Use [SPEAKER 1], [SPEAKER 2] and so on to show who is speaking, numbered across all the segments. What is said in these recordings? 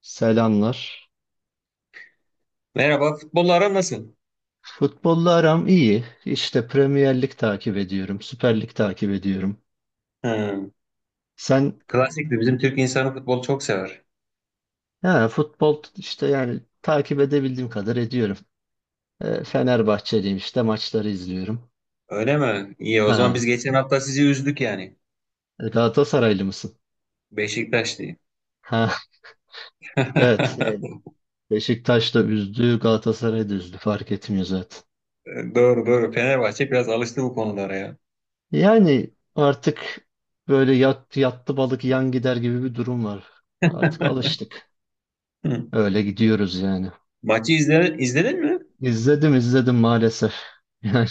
[SPEAKER 1] Selamlar.
[SPEAKER 2] Merhaba, futbollara nasıl?
[SPEAKER 1] Futbolla aram iyi. İşte Premier Lig takip ediyorum. Süper Lig takip ediyorum.
[SPEAKER 2] Hmm,
[SPEAKER 1] Sen
[SPEAKER 2] klasiktir. Bizim Türk insanı futbolu çok sever.
[SPEAKER 1] ha, futbol işte yani takip edebildiğim kadar ediyorum. E, Fenerbahçeliyim işte maçları izliyorum.
[SPEAKER 2] Öyle mi? İyi, o zaman
[SPEAKER 1] Ha,
[SPEAKER 2] biz geçen hafta sizi üzdük yani.
[SPEAKER 1] Galatasaraylı mısın?
[SPEAKER 2] Beşiktaş diye.
[SPEAKER 1] Ha, evet. Yani Beşiktaş da üzdü, Galatasaray da üzdü. Fark etmiyor zaten.
[SPEAKER 2] Doğru doğru. Fenerbahçe biraz alıştı bu konulara ya.
[SPEAKER 1] Yani artık böyle yattı balık yan gider gibi bir durum var. Artık alıştık.
[SPEAKER 2] Hı.
[SPEAKER 1] Öyle gidiyoruz yani.
[SPEAKER 2] Maçı izle, izledin mi?
[SPEAKER 1] İzledim izledim maalesef. Yani,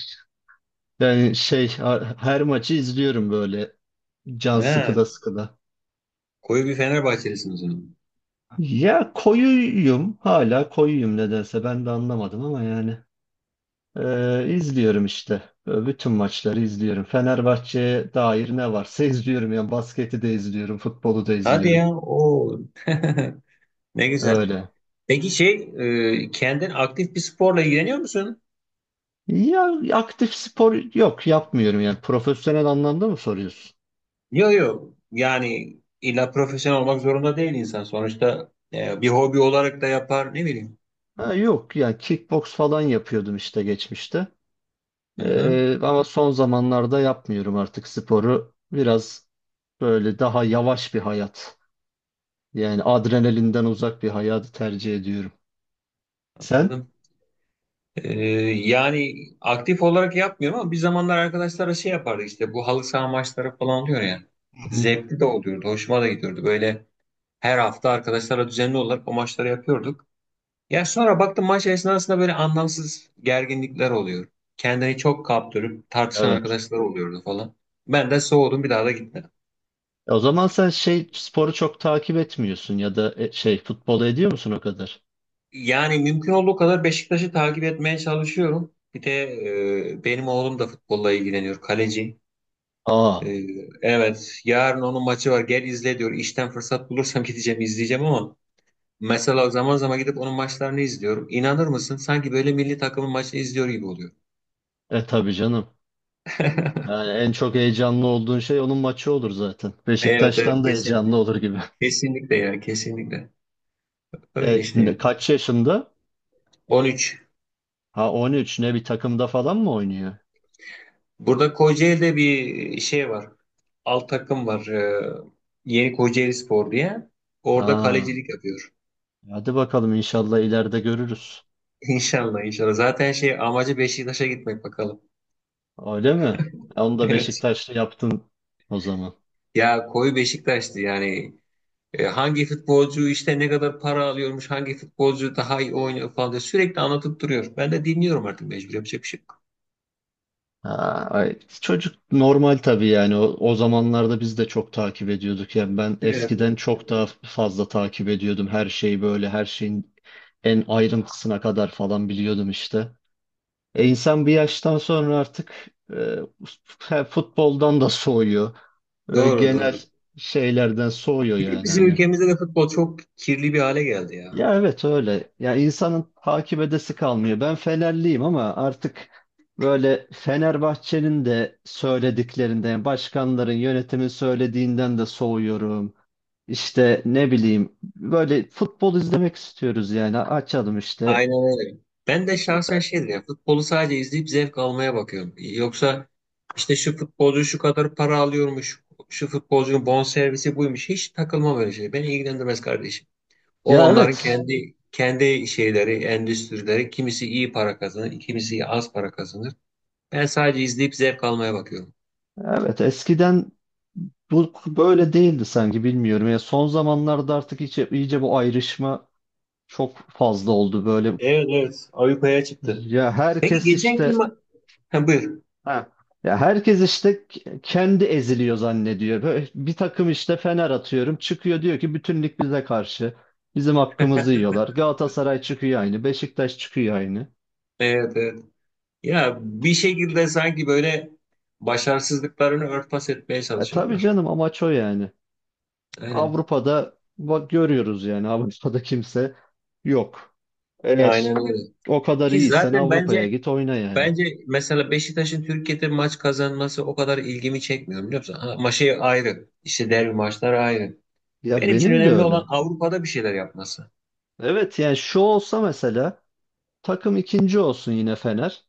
[SPEAKER 1] yani, her maçı izliyorum böyle can
[SPEAKER 2] Ha,
[SPEAKER 1] sıkıda sıkıda.
[SPEAKER 2] koyu bir Fenerbahçelisin o zaman.
[SPEAKER 1] Ya koyuyum hala koyuyum nedense ben de anlamadım ama yani izliyorum işte. Böyle bütün maçları izliyorum. Fenerbahçe'ye dair ne varsa izliyorum. Yani basketi de izliyorum, futbolu da
[SPEAKER 2] Hadi
[SPEAKER 1] izliyorum.
[SPEAKER 2] ya. O. Ne güzel.
[SPEAKER 1] Öyle.
[SPEAKER 2] Peki şey, kendin aktif bir sporla ilgileniyor musun?
[SPEAKER 1] Ya aktif spor yok yapmıyorum yani profesyonel anlamda mı soruyorsun?
[SPEAKER 2] Yok yok. Yani illa profesyonel olmak zorunda değil insan. Sonuçta bir hobi olarak da yapar ne bileyim.
[SPEAKER 1] Ha, yok yani kickbox falan yapıyordum işte geçmişte.
[SPEAKER 2] Hı-hı.
[SPEAKER 1] Ama son zamanlarda yapmıyorum artık sporu. Biraz böyle daha yavaş bir hayat. Yani adrenalinden uzak bir hayatı tercih ediyorum. Sen?
[SPEAKER 2] Anladım. E, yani aktif olarak yapmıyorum ama bir zamanlar arkadaşlara şey yapardık işte bu halı saha maçları falan oluyor ya.
[SPEAKER 1] Hı hı.
[SPEAKER 2] Zevkli de oluyordu. Hoşuma da gidiyordu. Böyle her hafta arkadaşlara düzenli olarak o maçları yapıyorduk. Ya sonra baktım maç esnasında böyle anlamsız gerginlikler oluyor. Kendini çok kaptırıp tartışan
[SPEAKER 1] Evet.
[SPEAKER 2] arkadaşlar oluyordu falan. Ben de soğudum bir daha da gitmedim.
[SPEAKER 1] O zaman sen şey sporu çok takip etmiyorsun ya da şey futbolu ediyor musun o kadar?
[SPEAKER 2] Yani mümkün olduğu kadar Beşiktaş'ı takip etmeye çalışıyorum. Bir de benim oğlum da futbolla ilgileniyor, kaleci.
[SPEAKER 1] Aa,
[SPEAKER 2] E, evet, yarın onun maçı var. Gel izle diyor. İşten fırsat bulursam gideceğim, izleyeceğim ama mesela zaman zaman gidip onun maçlarını izliyorum. İnanır mısın? Sanki böyle milli takımın maçını izliyor gibi oluyor.
[SPEAKER 1] e tabii canım. Yani en çok heyecanlı olduğun şey onun maçı olur zaten.
[SPEAKER 2] Evet, evet,
[SPEAKER 1] Beşiktaş'tan da
[SPEAKER 2] kesin,
[SPEAKER 1] heyecanlı olur gibi.
[SPEAKER 2] kesinlikle ya, kesinlikle. Öyle
[SPEAKER 1] E,
[SPEAKER 2] işte ya.
[SPEAKER 1] kaç yaşında?
[SPEAKER 2] 13.
[SPEAKER 1] Ha, 13, ne bir takımda falan mı oynuyor?
[SPEAKER 2] Burada Kocaeli'de bir şey var. Alt takım var. Yeni Kocaeli Spor diye. Orada
[SPEAKER 1] Aa.
[SPEAKER 2] kalecilik yapıyor.
[SPEAKER 1] Hadi bakalım inşallah ileride görürüz.
[SPEAKER 2] İnşallah inşallah. Zaten şey amacı Beşiktaş'a gitmek bakalım.
[SPEAKER 1] Öyle mi? E, onu da
[SPEAKER 2] Evet.
[SPEAKER 1] Beşiktaş'ta yaptın o zaman.
[SPEAKER 2] Ya koyu Beşiktaş'tı yani. E, hangi futbolcu işte ne kadar para alıyormuş, hangi futbolcu daha iyi oynuyor falan diye sürekli anlatıp duruyor. Ben de dinliyorum artık mecbur yapacak bir şey yok.
[SPEAKER 1] Ha, ay, çocuk normal tabii yani o zamanlarda biz de çok takip ediyorduk. Yani ben
[SPEAKER 2] Evet,
[SPEAKER 1] eskiden
[SPEAKER 2] evet.
[SPEAKER 1] çok daha fazla takip ediyordum her şeyi, böyle her şeyin en ayrıntısına kadar falan biliyordum işte. E, insan bir yaştan sonra artık futboldan da soğuyor. E,
[SPEAKER 2] Doğru
[SPEAKER 1] genel
[SPEAKER 2] doğru.
[SPEAKER 1] şeylerden soğuyor
[SPEAKER 2] Bir de
[SPEAKER 1] yani
[SPEAKER 2] bizim
[SPEAKER 1] hani.
[SPEAKER 2] ülkemizde de futbol çok kirli bir hale geldi ya.
[SPEAKER 1] Ya evet öyle. Ya insanın takip edesi kalmıyor. Ben Fenerliyim ama artık böyle Fenerbahçe'nin de söylediklerinden, başkanların, yönetimin söylediğinden de soğuyorum. İşte ne bileyim böyle futbol izlemek istiyoruz yani, açalım işte.
[SPEAKER 2] Aynen öyle. Ben de şahsen şeydir ya futbolu sadece izleyip zevk almaya bakıyorum. Yoksa işte şu futbolcu şu kadar para alıyormuş, şu futbolcunun bonservisi buymuş. Hiç takılmam öyle şey. Beni ilgilendirmez kardeşim. O
[SPEAKER 1] Ya
[SPEAKER 2] onların
[SPEAKER 1] evet.
[SPEAKER 2] kendi kendi şeyleri, endüstrileri. Kimisi iyi para kazanır, kimisi az para kazanır. Ben sadece izleyip zevk almaya bakıyorum.
[SPEAKER 1] Evet eskiden bu böyle değildi sanki, bilmiyorum. Ya son zamanlarda artık iyice, iyice bu ayrışma çok fazla oldu böyle.
[SPEAKER 2] Evet evet. Avrupa'ya çıktı.
[SPEAKER 1] Ya
[SPEAKER 2] Peki
[SPEAKER 1] herkes
[SPEAKER 2] geçenki
[SPEAKER 1] işte.
[SPEAKER 2] ma... Ha, buyur.
[SPEAKER 1] Ha. Ya herkes işte kendi eziliyor zannediyor. Böyle bir takım işte Fener atıyorum çıkıyor diyor ki bütünlük bize karşı. Bizim hakkımızı yiyorlar. Galatasaray çıkıyor aynı. Beşiktaş çıkıyor aynı.
[SPEAKER 2] Evet evet. Ya bir şekilde sanki böyle başarısızlıklarını örtbas etmeye
[SPEAKER 1] E tabii
[SPEAKER 2] çalışıyorlar.
[SPEAKER 1] canım, amaç o yani.
[SPEAKER 2] Aynen.
[SPEAKER 1] Avrupa'da bak görüyoruz yani, Avrupa'da kimse yok. Eğer
[SPEAKER 2] Aynen öyle.
[SPEAKER 1] o kadar
[SPEAKER 2] Ki
[SPEAKER 1] iyiysen
[SPEAKER 2] zaten
[SPEAKER 1] Avrupa'ya
[SPEAKER 2] bence
[SPEAKER 1] git oyna yani.
[SPEAKER 2] bence mesela Beşiktaş'ın Türkiye'de maç kazanması o kadar ilgimi çekmiyor biliyor musun? Ha, Maçı ayrı. İşte derbi maçları ayrı.
[SPEAKER 1] Ya
[SPEAKER 2] Benim için
[SPEAKER 1] benim de
[SPEAKER 2] önemli
[SPEAKER 1] öyle.
[SPEAKER 2] olan Avrupa'da bir şeyler yapması.
[SPEAKER 1] Evet yani şu olsa mesela, takım ikinci olsun yine Fener.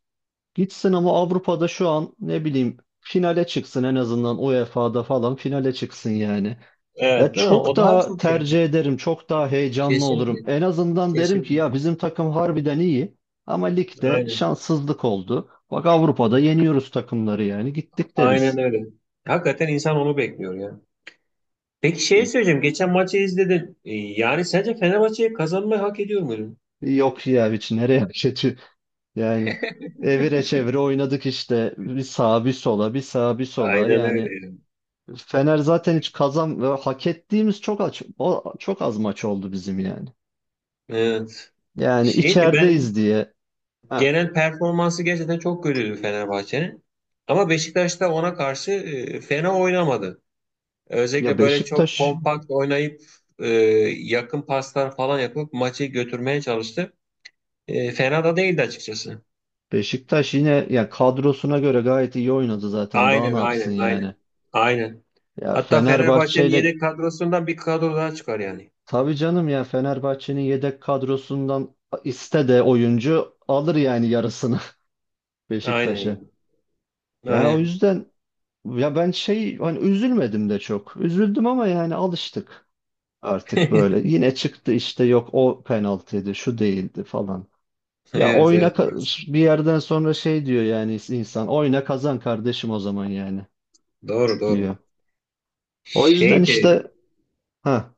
[SPEAKER 1] Gitsin ama Avrupa'da şu an ne bileyim finale çıksın, en azından UEFA'da falan finale çıksın yani. Ya
[SPEAKER 2] Evet değil mi?
[SPEAKER 1] çok
[SPEAKER 2] O daha
[SPEAKER 1] daha
[SPEAKER 2] çok şey.
[SPEAKER 1] tercih ederim, çok daha heyecanlı olurum.
[SPEAKER 2] Kesinlikle.
[SPEAKER 1] En azından derim ki
[SPEAKER 2] Kesinlikle.
[SPEAKER 1] ya bizim takım harbiden iyi ama ligde
[SPEAKER 2] Aynen.
[SPEAKER 1] şanssızlık oldu. Bak Avrupa'da yeniyoruz takımları yani, gittik
[SPEAKER 2] Aynen
[SPEAKER 1] deriz.
[SPEAKER 2] öyle. Hakikaten insan onu bekliyor ya. Peki şey
[SPEAKER 1] E,
[SPEAKER 2] söyleyeceğim. Geçen maçı izledin. E, yani sence Fenerbahçe kazanmayı hak ediyor mu?
[SPEAKER 1] yok ya, hiç nereye kötü yani, evire çevire oynadık işte, bir sağa bir sola, bir sağa bir sola
[SPEAKER 2] Aynen
[SPEAKER 1] yani.
[SPEAKER 2] öyle.
[SPEAKER 1] Fener zaten hiç kazan ve hak ettiğimiz çok çok az maç oldu bizim yani.
[SPEAKER 2] Evet.
[SPEAKER 1] Yani
[SPEAKER 2] Şeydi ben
[SPEAKER 1] içerideyiz diye. Ha.
[SPEAKER 2] genel performansı gerçekten çok kötüydü Fenerbahçe'nin. Ama Beşiktaş da ona karşı fena oynamadı.
[SPEAKER 1] Ya
[SPEAKER 2] Özellikle böyle çok
[SPEAKER 1] Beşiktaş
[SPEAKER 2] kompakt oynayıp e, yakın paslar falan yapıp maçı götürmeye çalıştı. E, fena da değildi açıkçası.
[SPEAKER 1] Beşiktaş yine ya kadrosuna göre gayet iyi oynadı zaten. Daha ne
[SPEAKER 2] Aynen
[SPEAKER 1] yapsın
[SPEAKER 2] aynen
[SPEAKER 1] yani?
[SPEAKER 2] aynen. Aynen.
[SPEAKER 1] Ya
[SPEAKER 2] Hatta
[SPEAKER 1] Fenerbahçe
[SPEAKER 2] Fenerbahçe'nin
[SPEAKER 1] ile
[SPEAKER 2] yedek kadrosundan bir kadro daha çıkar yani.
[SPEAKER 1] tabii canım, ya Fenerbahçe'nin yedek kadrosundan iste de oyuncu alır yani, yarısını
[SPEAKER 2] Aynen
[SPEAKER 1] Beşiktaş'a.
[SPEAKER 2] iyi.
[SPEAKER 1] Ya o
[SPEAKER 2] Aynen.
[SPEAKER 1] yüzden ya ben şey hani üzülmedim de çok. Üzüldüm ama yani alıştık. Artık böyle yine çıktı işte, yok o penaltıydı, şu değildi falan. Ya
[SPEAKER 2] Evet
[SPEAKER 1] oyna
[SPEAKER 2] evet. Maalesef.
[SPEAKER 1] bir yerden sonra şey diyor yani insan, oyna kazan kardeşim o zaman yani,
[SPEAKER 2] Doğru
[SPEAKER 1] diyor.
[SPEAKER 2] doğru.
[SPEAKER 1] O yüzden
[SPEAKER 2] Şeydi
[SPEAKER 1] işte, ha,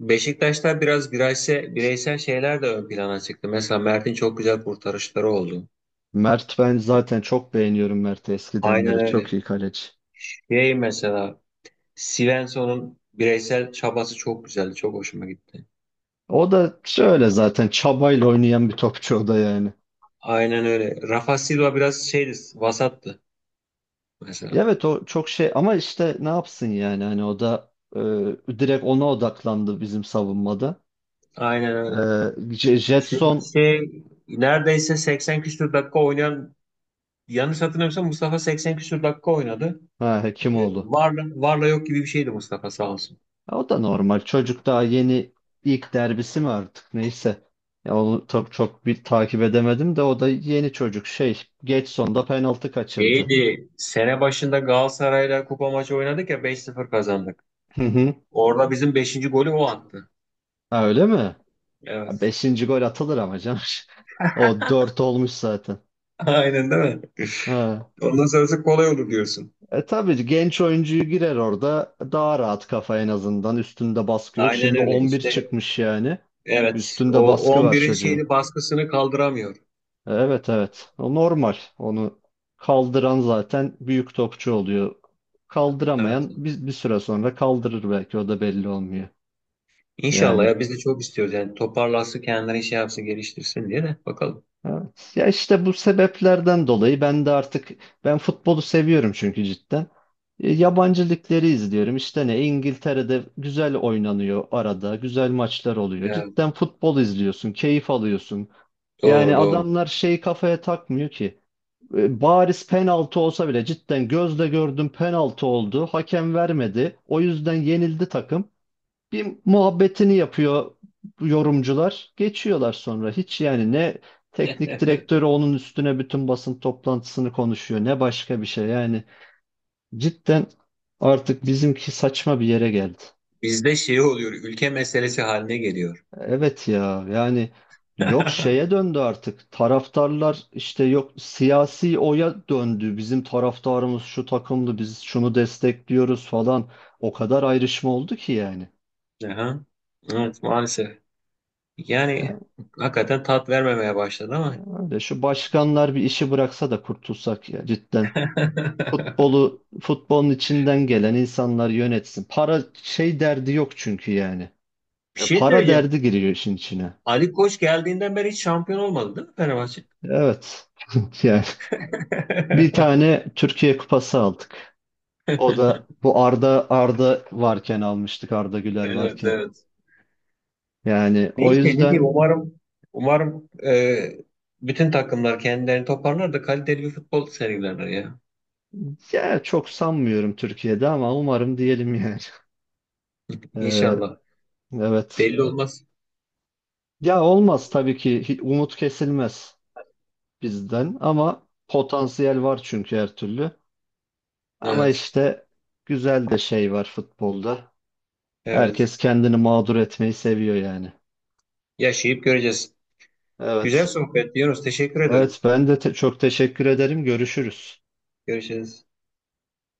[SPEAKER 2] Beşiktaş'ta biraz bireysel, bireysel şeyler de ön plana çıktı. Mesela Mert'in çok güzel kurtarışları oldu.
[SPEAKER 1] Mert, ben zaten çok beğeniyorum Mert'i, eskiden
[SPEAKER 2] Aynen
[SPEAKER 1] beri çok
[SPEAKER 2] öyle.
[SPEAKER 1] iyi kaleci.
[SPEAKER 2] Şey mesela Svensson'un bireysel çabası çok güzeldi. Çok hoşuma gitti.
[SPEAKER 1] O da şöyle zaten çabayla oynayan bir topçu o da yani.
[SPEAKER 2] Aynen öyle. Rafa Silva biraz şeydi, vasattı
[SPEAKER 1] Ya
[SPEAKER 2] mesela.
[SPEAKER 1] evet o çok şey, ama işte ne yapsın yani hani, o da direkt ona odaklandı bizim savunmada.
[SPEAKER 2] Aynen öyle.
[SPEAKER 1] E,
[SPEAKER 2] Çünkü
[SPEAKER 1] Jetson,
[SPEAKER 2] şey neredeyse 80 küsur dakika oynayan yanlış hatırlamıyorsam Mustafa 80 küsur dakika oynadı.
[SPEAKER 1] ha, Hekimoğlu.
[SPEAKER 2] Varla, varla yok gibi bir şeydi Mustafa sağ olsun.
[SPEAKER 1] Ya o da normal. Çocuk daha yeni, ilk derbisi mi artık, neyse. Ya onu çok çok bir takip edemedim de, o da yeni çocuk şey, geç sonda penaltı kaçırdı.
[SPEAKER 2] İyiydi. Sene başında Galatasaray'la kupa maçı oynadık ya 5-0 kazandık.
[SPEAKER 1] Hı hı.
[SPEAKER 2] Orada bizim beşinci golü o attı.
[SPEAKER 1] Ha, öyle mi? Ya
[SPEAKER 2] Evet.
[SPEAKER 1] beşinci gol atılır ama canım. O dört olmuş zaten.
[SPEAKER 2] Aynen değil mi?
[SPEAKER 1] Ha.
[SPEAKER 2] Ondan sonrası kolay olur diyorsun.
[SPEAKER 1] E tabii, genç oyuncuyu girer orada daha rahat, kafa en azından üstünde baskı yok.
[SPEAKER 2] Aynen
[SPEAKER 1] Şimdi
[SPEAKER 2] öyle.
[SPEAKER 1] 11
[SPEAKER 2] İşte
[SPEAKER 1] çıkmış yani.
[SPEAKER 2] evet.
[SPEAKER 1] Üstünde
[SPEAKER 2] O
[SPEAKER 1] baskı
[SPEAKER 2] on
[SPEAKER 1] var
[SPEAKER 2] birin
[SPEAKER 1] çocuğun.
[SPEAKER 2] şeyini baskısını kaldıramıyor.
[SPEAKER 1] Evet, evet. O normal. Onu kaldıran zaten büyük topçu oluyor.
[SPEAKER 2] Evet.
[SPEAKER 1] Kaldıramayan
[SPEAKER 2] Evet.
[SPEAKER 1] biz, bir süre sonra kaldırır belki, o da belli olmuyor.
[SPEAKER 2] İnşallah
[SPEAKER 1] Yani
[SPEAKER 2] ya biz de çok istiyoruz yani toparlasın kendini şey yapsın geliştirsin diye de bakalım.
[SPEAKER 1] evet. Ya işte bu sebeplerden dolayı ben de artık, ben futbolu seviyorum çünkü cidden. E, yabancı ligleri izliyorum. İşte ne İngiltere'de güzel oynanıyor arada. Güzel maçlar oluyor.
[SPEAKER 2] Evet.
[SPEAKER 1] Cidden futbol izliyorsun, keyif alıyorsun. Yani
[SPEAKER 2] Doğru doğru.
[SPEAKER 1] adamlar şey kafaya takmıyor ki. E, bariz penaltı olsa bile, cidden gözle gördüm penaltı oldu. Hakem vermedi. O yüzden yenildi takım. Bir muhabbetini yapıyor yorumcular. Geçiyorlar sonra. Hiç yani ne teknik direktörü onun üstüne bütün basın toplantısını konuşuyor, ne başka bir şey. Yani cidden artık bizimki saçma bir yere geldi.
[SPEAKER 2] Bizde şey oluyor ülke meselesi haline geliyor.
[SPEAKER 1] Evet ya yani, yok şeye döndü artık taraftarlar, işte yok siyasi oya döndü bizim taraftarımız, şu takımdı, biz şunu destekliyoruz falan, o kadar ayrışma oldu ki yani.
[SPEAKER 2] Aha. Evet maalesef. Yani
[SPEAKER 1] Yani
[SPEAKER 2] hakikaten tat vermemeye başladı ama
[SPEAKER 1] öyle, şu başkanlar bir işi bıraksa da kurtulsak ya cidden, futbolu futbolun içinden gelen insanlar yönetsin, para şey derdi yok çünkü yani.
[SPEAKER 2] bir
[SPEAKER 1] E,
[SPEAKER 2] şey
[SPEAKER 1] para
[SPEAKER 2] söyleyeceğim.
[SPEAKER 1] derdi giriyor işin içine,
[SPEAKER 2] Ali Koç geldiğinden beri hiç şampiyon olmadı değil mi Fenerbahçe?
[SPEAKER 1] evet. Yani bir tane Türkiye Kupası aldık. O da bu Arda varken almıştık, Arda Güler
[SPEAKER 2] Evet
[SPEAKER 1] varken.
[SPEAKER 2] evet.
[SPEAKER 1] Yani o
[SPEAKER 2] Neyse ne
[SPEAKER 1] yüzden
[SPEAKER 2] diyeyim umarım umarım bütün takımlar kendilerini toparlar da kaliteli bir futbol sergilerler ya.
[SPEAKER 1] ya, çok sanmıyorum Türkiye'de ama umarım diyelim yani. Ee,
[SPEAKER 2] İnşallah.
[SPEAKER 1] evet.
[SPEAKER 2] Belli olmaz.
[SPEAKER 1] Ya olmaz tabii ki, umut kesilmez bizden, ama potansiyel var çünkü her türlü. Ama
[SPEAKER 2] Evet.
[SPEAKER 1] işte güzel de şey var futbolda.
[SPEAKER 2] Evet.
[SPEAKER 1] Herkes kendini mağdur etmeyi seviyor yani.
[SPEAKER 2] Yaşayıp göreceğiz. Güzel
[SPEAKER 1] Evet.
[SPEAKER 2] sohbet Yunus. Teşekkür ederim.
[SPEAKER 1] Evet ben de çok teşekkür ederim. Görüşürüz.
[SPEAKER 2] Görüşürüz.